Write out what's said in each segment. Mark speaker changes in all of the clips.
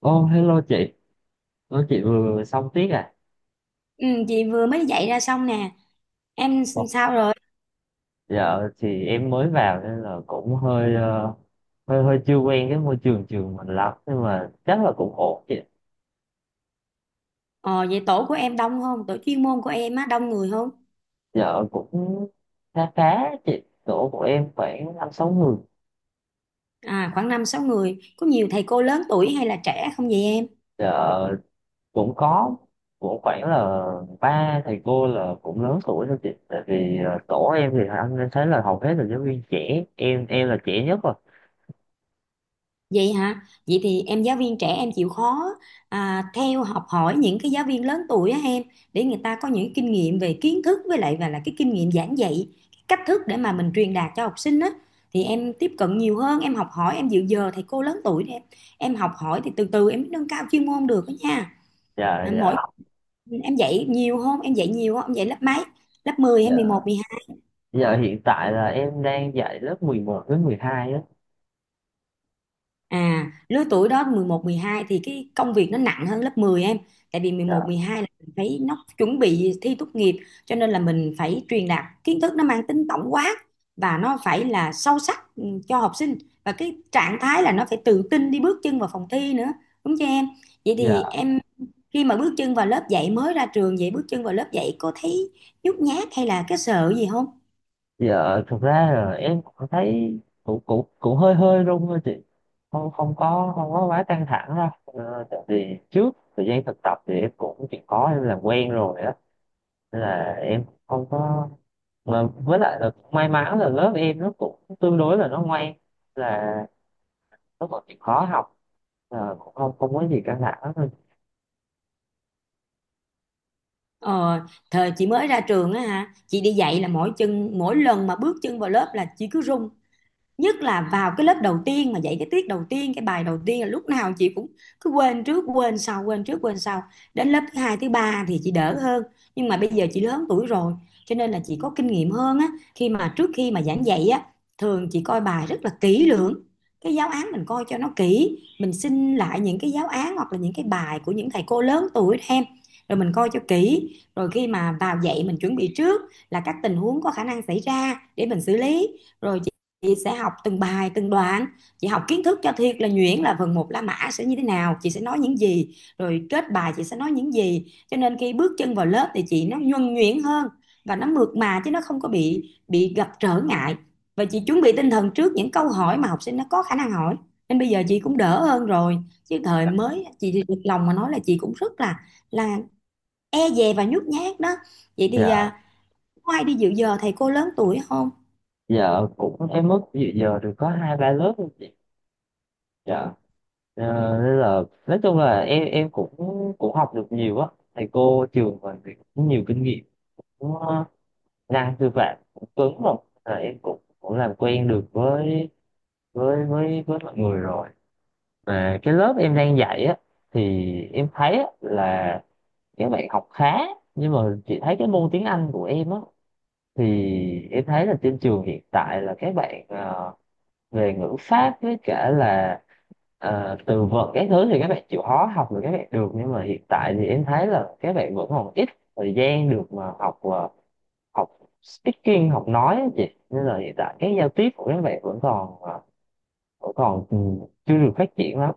Speaker 1: Ô, hello chị. Chị vừa vừa xong tiết à?
Speaker 2: Ừ, chị vừa mới dạy ra xong nè. Em
Speaker 1: Ồ.
Speaker 2: sao rồi?
Speaker 1: Dạ thì em mới vào nên là cũng hơi hơi hơi chưa quen cái môi trường trường mình lắm nhưng mà chắc là cũng ổn chị.
Speaker 2: Ờ, Vậy tổ của em đông không, tổ chuyên môn của em á, đông người không?
Speaker 1: Dạ cũng khá khá chị, tổ của em khoảng năm sáu người.
Speaker 2: À khoảng năm sáu người, có nhiều thầy cô lớn tuổi hay là trẻ không vậy em?
Speaker 1: Dạ cũng có, cũng khoảng là ba thầy cô là cũng lớn tuổi thôi chị. Tại vì tổ em thì anh thấy là hầu hết là giáo viên trẻ, em là trẻ nhất rồi.
Speaker 2: Vậy hả? Vậy thì em giáo viên trẻ, em chịu khó theo học hỏi những cái giáo viên lớn tuổi á em, để người ta có những kinh nghiệm về kiến thức, với lại và là cái kinh nghiệm giảng dạy, cái cách thức để mà mình truyền đạt cho học sinh á. Thì em tiếp cận nhiều hơn, em học hỏi, em dự giờ thầy cô lớn tuổi để em học hỏi, thì từ từ em mới nâng cao chuyên môn được đó nha.
Speaker 1: Dạ
Speaker 2: À, mỗi
Speaker 1: dạ.
Speaker 2: Ừ, em dạy nhiều không? Em dạy nhiều không? Em dạy lớp mấy? Lớp 10 hay 11, 12?
Speaker 1: Giờ hiện tại là em đang dạy lớp 11 với 12 á.
Speaker 2: À, lứa tuổi đó 11, 12 thì cái công việc nó nặng hơn lớp 10 em. Tại vì 11,
Speaker 1: Dạ.
Speaker 2: 12 là mình phải nó chuẩn bị thi tốt nghiệp, cho nên là mình phải truyền đạt kiến thức nó mang tính tổng quát và nó phải là sâu sắc, cho học sinh, và cái trạng thái là nó phải tự tin đi bước chân vào phòng thi nữa. Đúng chưa em? Vậy thì
Speaker 1: Dạ,
Speaker 2: em, khi mà bước chân vào lớp dạy mới ra trường, vậy bước chân vào lớp dạy cô thấy nhút nhát hay là cái sợ gì không?
Speaker 1: giờ thực ra là em cũng thấy cũng cũng cũng hơi hơi run thôi chị. Không, không có quá căng thẳng đâu. Ờ, Tại vì trước thời gian thực tập thì em cũng chỉ có em làm quen rồi á. Nên là em không có, mà với lại là cũng may mắn là lớp em nó cũng tương đối là nó ngoan, là nó còn chịu khó học, là cũng không không có gì căng thẳng thôi.
Speaker 2: Ờ, Thời chị mới ra trường á hả, chị đi dạy là mỗi lần mà bước chân vào lớp là chị cứ run, nhất là vào cái lớp đầu tiên mà dạy cái tiết đầu tiên, cái bài đầu tiên, là lúc nào chị cũng cứ quên trước quên sau, quên trước quên sau. Đến lớp thứ hai, thứ ba thì chị đỡ hơn, nhưng mà bây giờ chị lớn tuổi rồi, cho nên là chị có kinh nghiệm hơn á. Khi mà Trước khi mà giảng dạy á, thường chị coi bài rất là kỹ lưỡng. Cái giáo án mình coi cho nó kỹ, mình xin lại những cái giáo án hoặc là những cái bài của những thầy cô lớn tuổi em, rồi mình coi cho kỹ. Rồi khi mà vào dạy mình chuẩn bị trước là các tình huống có khả năng xảy ra để mình xử lý. Rồi chị sẽ học từng bài, từng đoạn, chị học kiến thức cho thiệt là nhuyễn, là phần một la mã sẽ như thế nào, chị sẽ nói những gì, rồi kết bài chị sẽ nói những gì. Cho nên khi bước chân vào lớp thì chị nó nhuần nhuyễn hơn và nó mượt mà, chứ nó không có bị gặp trở ngại. Và chị chuẩn bị tinh thần trước những câu hỏi mà học sinh nó có khả năng hỏi, nên bây giờ chị cũng đỡ hơn rồi, chứ thời mới chị thì thật lòng mà nói là chị cũng rất là e dè và nhút nhát đó. Vậy thì
Speaker 1: Dạ,
Speaker 2: có ai đi dự giờ thầy cô lớn tuổi không?
Speaker 1: giờ cũng em mất dự giờ được có hai ba lớp thôi chị. Dạ. Ờ, Nên là nói chung là em cũng cũng học được nhiều á, thầy cô trường mình thì cũng nhiều kinh nghiệm, cũng năng sư phạm cũng cứng rồi, là em cũng cũng làm quen được với mọi người rồi. Mà cái lớp em đang dạy á thì em thấy á, là các bạn học khá, nhưng mà chị thấy cái môn tiếng Anh của em á, thì em thấy là trên trường hiện tại là các bạn về ngữ pháp với cả là từ vựng cái thứ thì các bạn chịu khó học được, các bạn được, nhưng mà hiện tại thì em thấy là các bạn vẫn còn ít thời gian được mà học học speaking, học nói á chị. Nên là hiện tại cái giao tiếp của các bạn vẫn còn vẫn còn chưa được phát triển lắm.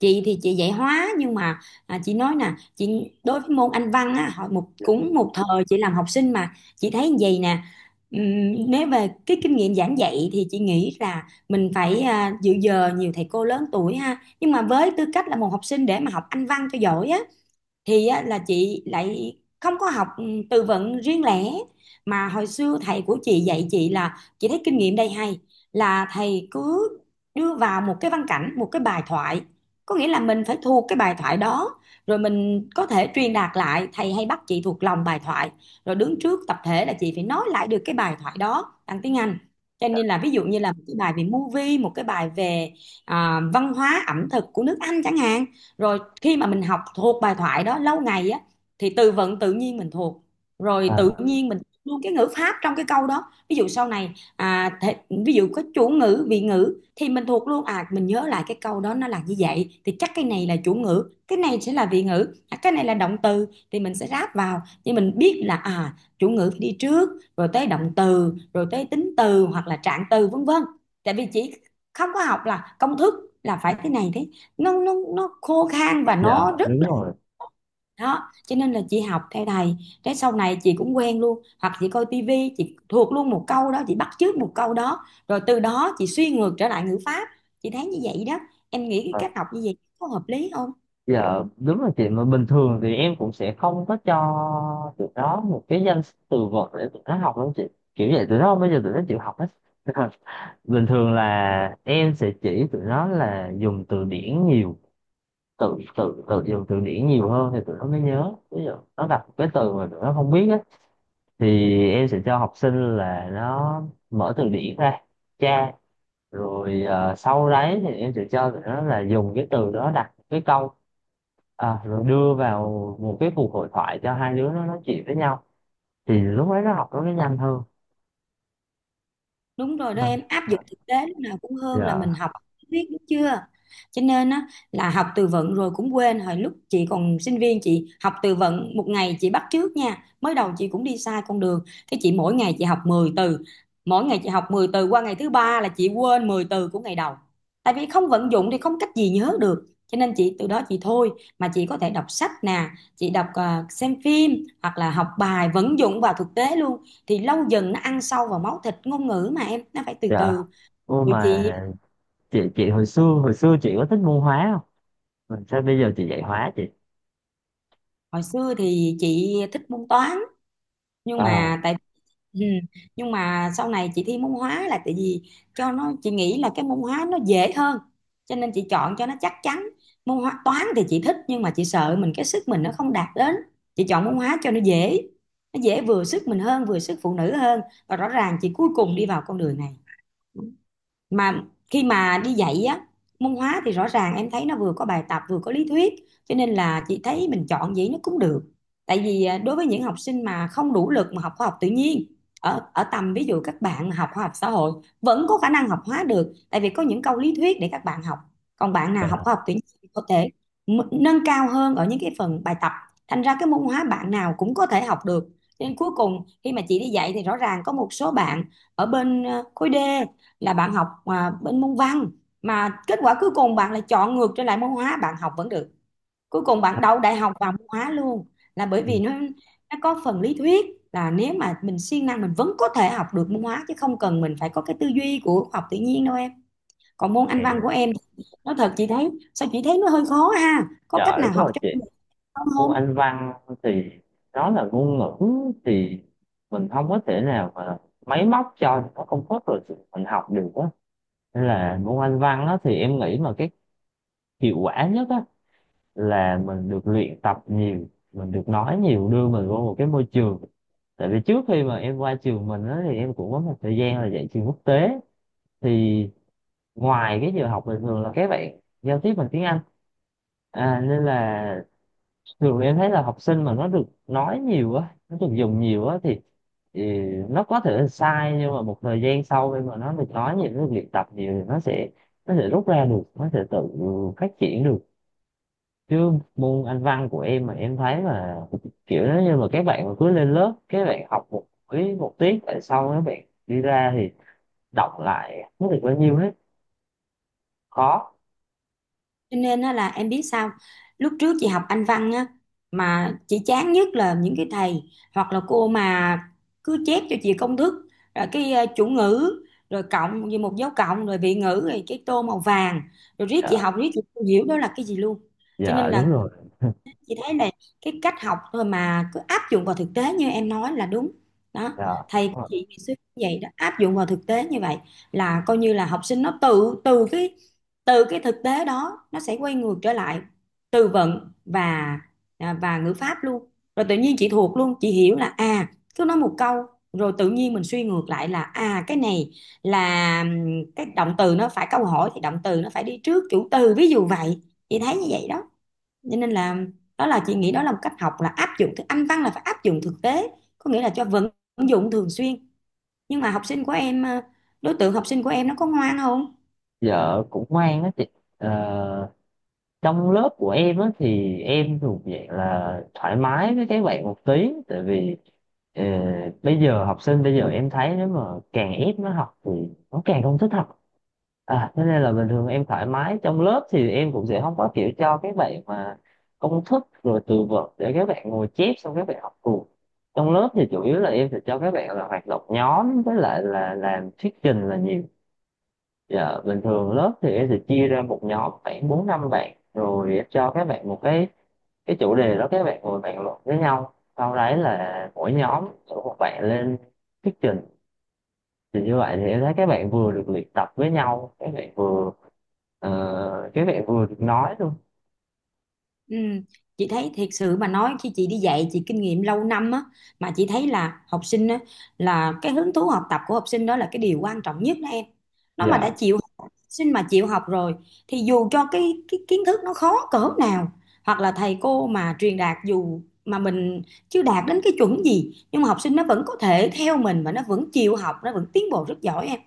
Speaker 2: Chị thì chị dạy hóa, nhưng mà chị nói nè, chị đối với môn Anh văn á, hồi một cũng một thời chị làm học sinh mà chị thấy như vậy nè. Nếu về cái kinh nghiệm giảng dạy thì chị nghĩ là mình phải dự giờ nhiều thầy cô lớn tuổi ha, nhưng mà với tư cách là một học sinh để mà học Anh văn cho giỏi á, thì á, là chị lại không có học từ vựng riêng lẻ, mà hồi xưa thầy của chị dạy chị là chị thấy kinh nghiệm đây hay, là thầy cứ đưa vào một cái văn cảnh, một cái bài thoại, có nghĩa là mình phải thuộc cái bài thoại đó, rồi mình có thể truyền đạt lại. Thầy hay bắt chị thuộc lòng bài thoại, rồi đứng trước tập thể là chị phải nói lại được cái bài thoại đó bằng tiếng Anh. Cho nên là ví dụ như là một cái bài về movie, một cái bài về văn hóa ẩm thực của nước Anh chẳng hạn. Rồi khi mà mình học thuộc bài thoại đó lâu ngày á, thì từ vựng tự nhiên mình thuộc, rồi tự
Speaker 1: À,
Speaker 2: nhiên mình luôn cái ngữ pháp trong cái câu đó. Ví dụ sau này ví dụ có chủ ngữ vị ngữ thì mình thuộc luôn, mình nhớ lại cái câu đó nó là như vậy, thì chắc cái này là chủ ngữ, cái này sẽ là vị ngữ, cái này là động từ thì mình sẽ ráp vào, nhưng mình biết là chủ ngữ phải đi trước, rồi tới động từ, rồi tới tính từ hoặc là trạng từ, vân vân. Tại vì chỉ không có học là công thức, là phải thế này thế, nó khô khan và
Speaker 1: dạ
Speaker 2: nó rất
Speaker 1: đúng
Speaker 2: là
Speaker 1: rồi.
Speaker 2: đó. Cho nên là chị học theo thầy, cái sau này chị cũng quen luôn, hoặc chị coi tivi chị thuộc luôn một câu đó, chị bắt chước một câu đó rồi từ đó chị suy ngược trở lại ngữ pháp. Chị thấy như vậy đó, em nghĩ cái
Speaker 1: Ờ,
Speaker 2: cách học như vậy có hợp lý không?
Speaker 1: dạ đúng rồi chị, mà bình thường thì em cũng sẽ không có cho tụi nó một cái danh từ vựng để tụi nó học đâu chị, kiểu vậy tụi nó, bây giờ tụi nó chịu học hết. Bình thường là em sẽ chỉ tụi nó là dùng từ điển nhiều, tự tự tự dùng từ điển nhiều hơn thì tụi nó mới nhớ. Ví dụ nó gặp cái từ mà tụi nó không biết á thì em sẽ cho học sinh là nó mở từ điển ra tra, rồi sau đấy thì em sẽ cho tụi nó là dùng cái từ đó đặt cái câu, à, rồi đưa vào một cái cuộc hội thoại cho hai đứa nó nói chuyện với nhau, thì lúc đấy nó học nó mới nhanh hơn.
Speaker 2: Đúng rồi đó,
Speaker 1: À,
Speaker 2: em áp dụng
Speaker 1: à,
Speaker 2: thực tế lúc nào cũng hơn là mình
Speaker 1: dạ
Speaker 2: học biết, đúng chưa? Cho nên á, là học từ vựng rồi cũng quên. Hồi lúc chị còn sinh viên chị học từ vựng một ngày, chị bắt chước nha, mới đầu chị cũng đi sai con đường. Cái chị mỗi ngày chị học 10 từ, mỗi ngày chị học 10 từ, qua ngày thứ ba là chị quên 10 từ của ngày đầu, tại vì không vận dụng thì không cách gì nhớ được, cho nên chị từ đó chị thôi. Mà chị có thể đọc sách nè, chị đọc, xem phim, hoặc là học bài vận dụng vào thực tế luôn, thì lâu dần nó ăn sâu vào máu thịt. Ngôn ngữ mà em, nó phải từ
Speaker 1: dạ.
Speaker 2: từ.
Speaker 1: Ô,
Speaker 2: Rồi
Speaker 1: mà
Speaker 2: chị
Speaker 1: chị hồi xưa chị có thích môn hóa không? Mà sao bây giờ chị dạy hóa chị?
Speaker 2: hồi xưa thì chị thích môn toán, nhưng
Speaker 1: À,
Speaker 2: mà tại ừ, nhưng mà sau này chị thi môn hóa là tại vì cho nó, chị nghĩ là cái môn hóa nó dễ hơn, cho nên chị chọn cho nó chắc chắn. Môn hóa toán thì chị thích, nhưng mà chị sợ mình cái sức mình nó không đạt đến. Chị chọn môn hóa cho nó dễ, nó dễ vừa sức mình hơn, vừa sức phụ nữ hơn, và rõ ràng chị cuối cùng đi vào con đường này. Mà khi mà đi dạy á, môn hóa thì rõ ràng em thấy nó vừa có bài tập vừa có lý thuyết, cho nên là chị thấy mình chọn vậy nó cũng được. Tại vì đối với những học sinh mà không đủ lực mà học khoa học tự nhiên, ở ở tầm ví dụ các bạn mà học khoa học xã hội, vẫn có khả năng học hóa được, tại vì có những câu lý thuyết để các bạn học. Còn bạn nào học
Speaker 1: dạ.
Speaker 2: khoa học tự nhiên thì có thể nâng cao hơn ở những cái phần bài tập. Thành ra cái môn hóa bạn nào cũng có thể học được. Cho nên cuối cùng khi mà chị đi dạy thì rõ ràng có một số bạn ở bên khối D, là bạn học bên môn văn, mà kết quả cuối cùng bạn lại chọn ngược trở lại môn hóa, bạn học vẫn được, cuối cùng bạn đậu đại học vào môn hóa luôn, là bởi
Speaker 1: Ừ.
Speaker 2: vì nó có phần lý thuyết, là nếu mà mình siêng năng mình vẫn có thể học được môn hóa chứ không cần mình phải có cái tư duy của học tự nhiên đâu em. Còn môn Anh văn của em, nói thật chị thấy sao, chị thấy nó hơi khó ha, có cách
Speaker 1: Dạ
Speaker 2: nào
Speaker 1: đúng
Speaker 2: học
Speaker 1: rồi
Speaker 2: cho
Speaker 1: chị,
Speaker 2: mình không? Không.
Speaker 1: môn Anh văn thì nó là ngôn ngữ, thì mình không có thể nào mà máy móc cho nó công thức rồi mình học được á. Nên là môn Anh văn á thì em nghĩ mà cái hiệu quả nhất á là mình được luyện tập nhiều, mình được nói nhiều, đưa mình vô một cái môi trường. Tại vì trước khi mà em qua trường mình á thì em cũng có một thời gian là dạy trường quốc tế, thì ngoài cái giờ học bình thường là các bạn giao tiếp bằng tiếng Anh, à, nên là thường em thấy là học sinh mà nó được nói nhiều á, nó được dùng nhiều á, thì nó có thể là sai, nhưng mà một thời gian sau khi mà nó được nói nhiều, nó được luyện tập nhiều thì nó sẽ rút ra được, nó sẽ tự phát triển được. Chứ môn Anh văn của em mà em thấy mà, kiểu nếu như mà các bạn mà cứ lên lớp các bạn học một buổi một tiết, tại sau các bạn đi ra thì đọc lại không được bao nhiêu hết, khó.
Speaker 2: Cho nên á là em biết sao, lúc trước chị học Anh văn á mà chị chán nhất là những cái thầy hoặc là cô mà cứ chép cho chị công thức, rồi cái chủ ngữ rồi cộng như một dấu cộng rồi vị ngữ, rồi cái tô màu vàng, rồi riết chị
Speaker 1: Dạ,
Speaker 2: học riết chị không hiểu đó là cái gì luôn. Cho
Speaker 1: dạ
Speaker 2: nên
Speaker 1: đúng
Speaker 2: là
Speaker 1: rồi.
Speaker 2: chị thấy là cái cách học thôi mà cứ áp dụng vào thực tế như em nói là đúng đó.
Speaker 1: Dạ.
Speaker 2: Thầy của chị ngày xưa cũng vậy đó, áp dụng vào thực tế như vậy, là coi như là học sinh nó tự, từ cái thực tế đó nó sẽ quay ngược trở lại từ vựng và và ngữ pháp luôn, rồi tự nhiên chị thuộc luôn. Chị hiểu là à, cứ nói một câu rồi tự nhiên mình suy ngược lại là à, cái này là cái động từ nó phải, câu hỏi thì động từ nó phải đi trước chủ từ, ví dụ vậy. Chị thấy như vậy đó, cho nên là đó là chị nghĩ đó là một cách học, là áp dụng thực Anh văn là phải áp dụng thực tế, có nghĩa là cho vận dụng thường xuyên. Nhưng mà học sinh của em đối tượng học sinh của em nó có ngoan không?
Speaker 1: Dạ cũng ngoan á chị. Ờ, Trong lớp của em á thì em thuộc dạng là thoải mái với các bạn một tí, tại vì ờ, bây giờ học sinh bây giờ em thấy nếu mà càng ép nó học thì nó càng không thích học. À, thế nên là bình thường em thoải mái trong lớp, thì em cũng sẽ không có kiểu cho các bạn mà công thức rồi từ vựng để các bạn ngồi chép xong các bạn học cùng. Trong lớp thì chủ yếu là em sẽ cho các bạn là hoạt động nhóm với lại là làm thuyết trình là nhiều. Dạ, bình thường lớp thì em sẽ chia ra một nhóm khoảng bốn năm bạn, rồi em cho các bạn một cái chủ đề đó, các bạn ngồi bàn luận với nhau, sau đấy là mỗi nhóm, mỗi một bạn lên thuyết trình. Thì như vậy thì em thấy các bạn vừa được luyện tập với nhau, các bạn vừa các bạn vừa được nói luôn.
Speaker 2: Ừ. Chị thấy thiệt sự mà nói, khi chị đi dạy chị kinh nghiệm lâu năm á, mà chị thấy là học sinh á, là cái hứng thú học tập của học sinh đó là cái điều quan trọng nhất đó em. Nó mà
Speaker 1: Dạ,
Speaker 2: đã chịu, học sinh mà chịu học rồi thì dù cho cái kiến thức nó khó cỡ nào, hoặc là thầy cô mà truyền đạt dù mà mình chưa đạt đến cái chuẩn gì, nhưng mà học sinh nó vẫn có thể theo mình và nó vẫn chịu học, nó vẫn tiến bộ rất giỏi em.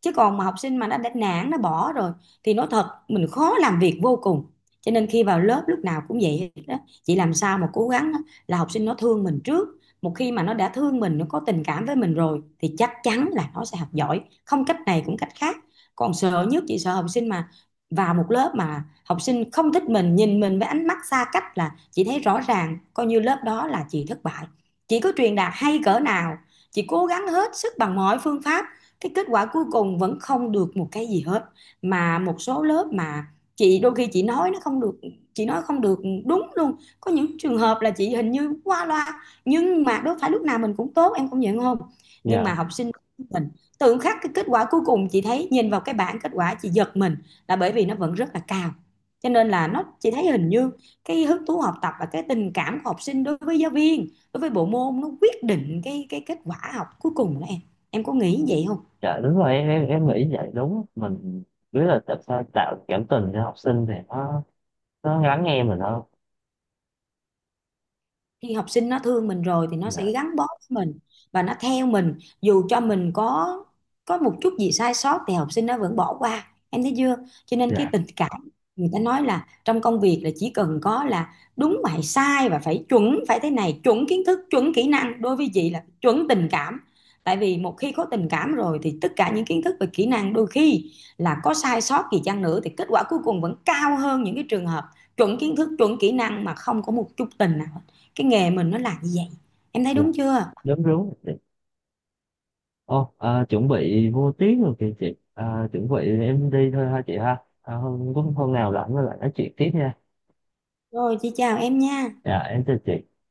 Speaker 2: Chứ còn mà học sinh mà nó đã nản nó bỏ rồi thì nói thật mình khó làm việc vô cùng. Cho nên khi vào lớp lúc nào cũng vậy đó, chị làm sao mà cố gắng là học sinh nó thương mình trước. Một khi mà nó đã thương mình, nó có tình cảm với mình rồi thì chắc chắn là nó sẽ học giỏi, không cách này cũng cách khác. Còn sợ nhất chị sợ học sinh mà vào một lớp mà học sinh không thích mình, nhìn mình với ánh mắt xa cách là chị thấy rõ ràng coi như lớp đó là chị thất bại. Chị có truyền đạt hay cỡ nào, chị cố gắng hết sức bằng mọi phương pháp, cái kết quả cuối cùng vẫn không được một cái gì hết. Mà một số lớp mà chị đôi khi chị nói nó không được, chị nói không được đúng luôn, có những trường hợp là chị hình như qua loa, nhưng mà đâu phải lúc nào mình cũng tốt, em công nhận không? Nhưng
Speaker 1: dạ.
Speaker 2: mà học sinh mình tự khắc cái kết quả cuối cùng, chị thấy nhìn vào cái bảng kết quả chị giật mình, là bởi vì nó vẫn rất là cao. Cho nên là nó chị thấy hình như cái hứng thú học tập và cái tình cảm của học sinh đối với giáo viên, đối với bộ môn, nó quyết định cái kết quả học cuối cùng đó em. Em có nghĩ vậy không?
Speaker 1: Dạ đúng rồi em, em nghĩ vậy, đúng mình biết là tại sao tạo cảm tình cho học sinh thì nó lắng nghe mình hơn.
Speaker 2: Khi học sinh nó thương mình rồi thì nó sẽ
Speaker 1: Dạ.
Speaker 2: gắn bó với mình và nó theo mình, dù cho mình có một chút gì sai sót thì học sinh nó vẫn bỏ qua, em thấy chưa? Cho nên cái
Speaker 1: Dạ.
Speaker 2: tình cảm, người ta nói là trong công việc là chỉ cần có là đúng và hay sai và phải chuẩn, phải thế này chuẩn kiến thức chuẩn kỹ năng, đối với chị là chuẩn tình cảm. Tại vì một khi có tình cảm rồi thì tất cả những kiến thức và kỹ năng đôi khi là có sai sót gì chăng nữa thì kết quả cuối cùng vẫn cao hơn những cái trường hợp chuẩn kiến thức chuẩn kỹ năng mà không có một chút tình nào. Cái nghề mình nó là như vậy, em thấy đúng chưa?
Speaker 1: Dạ đúng đúng. Ồ, à, chuẩn bị vô tiếng rồi kìa chị. À, chuẩn bị em đi thôi ha chị ha. À, hôm nào rảnh rồi lại nói chuyện tiếp nha.
Speaker 2: Rồi chị chào em nha.
Speaker 1: Dạ, em chào chị.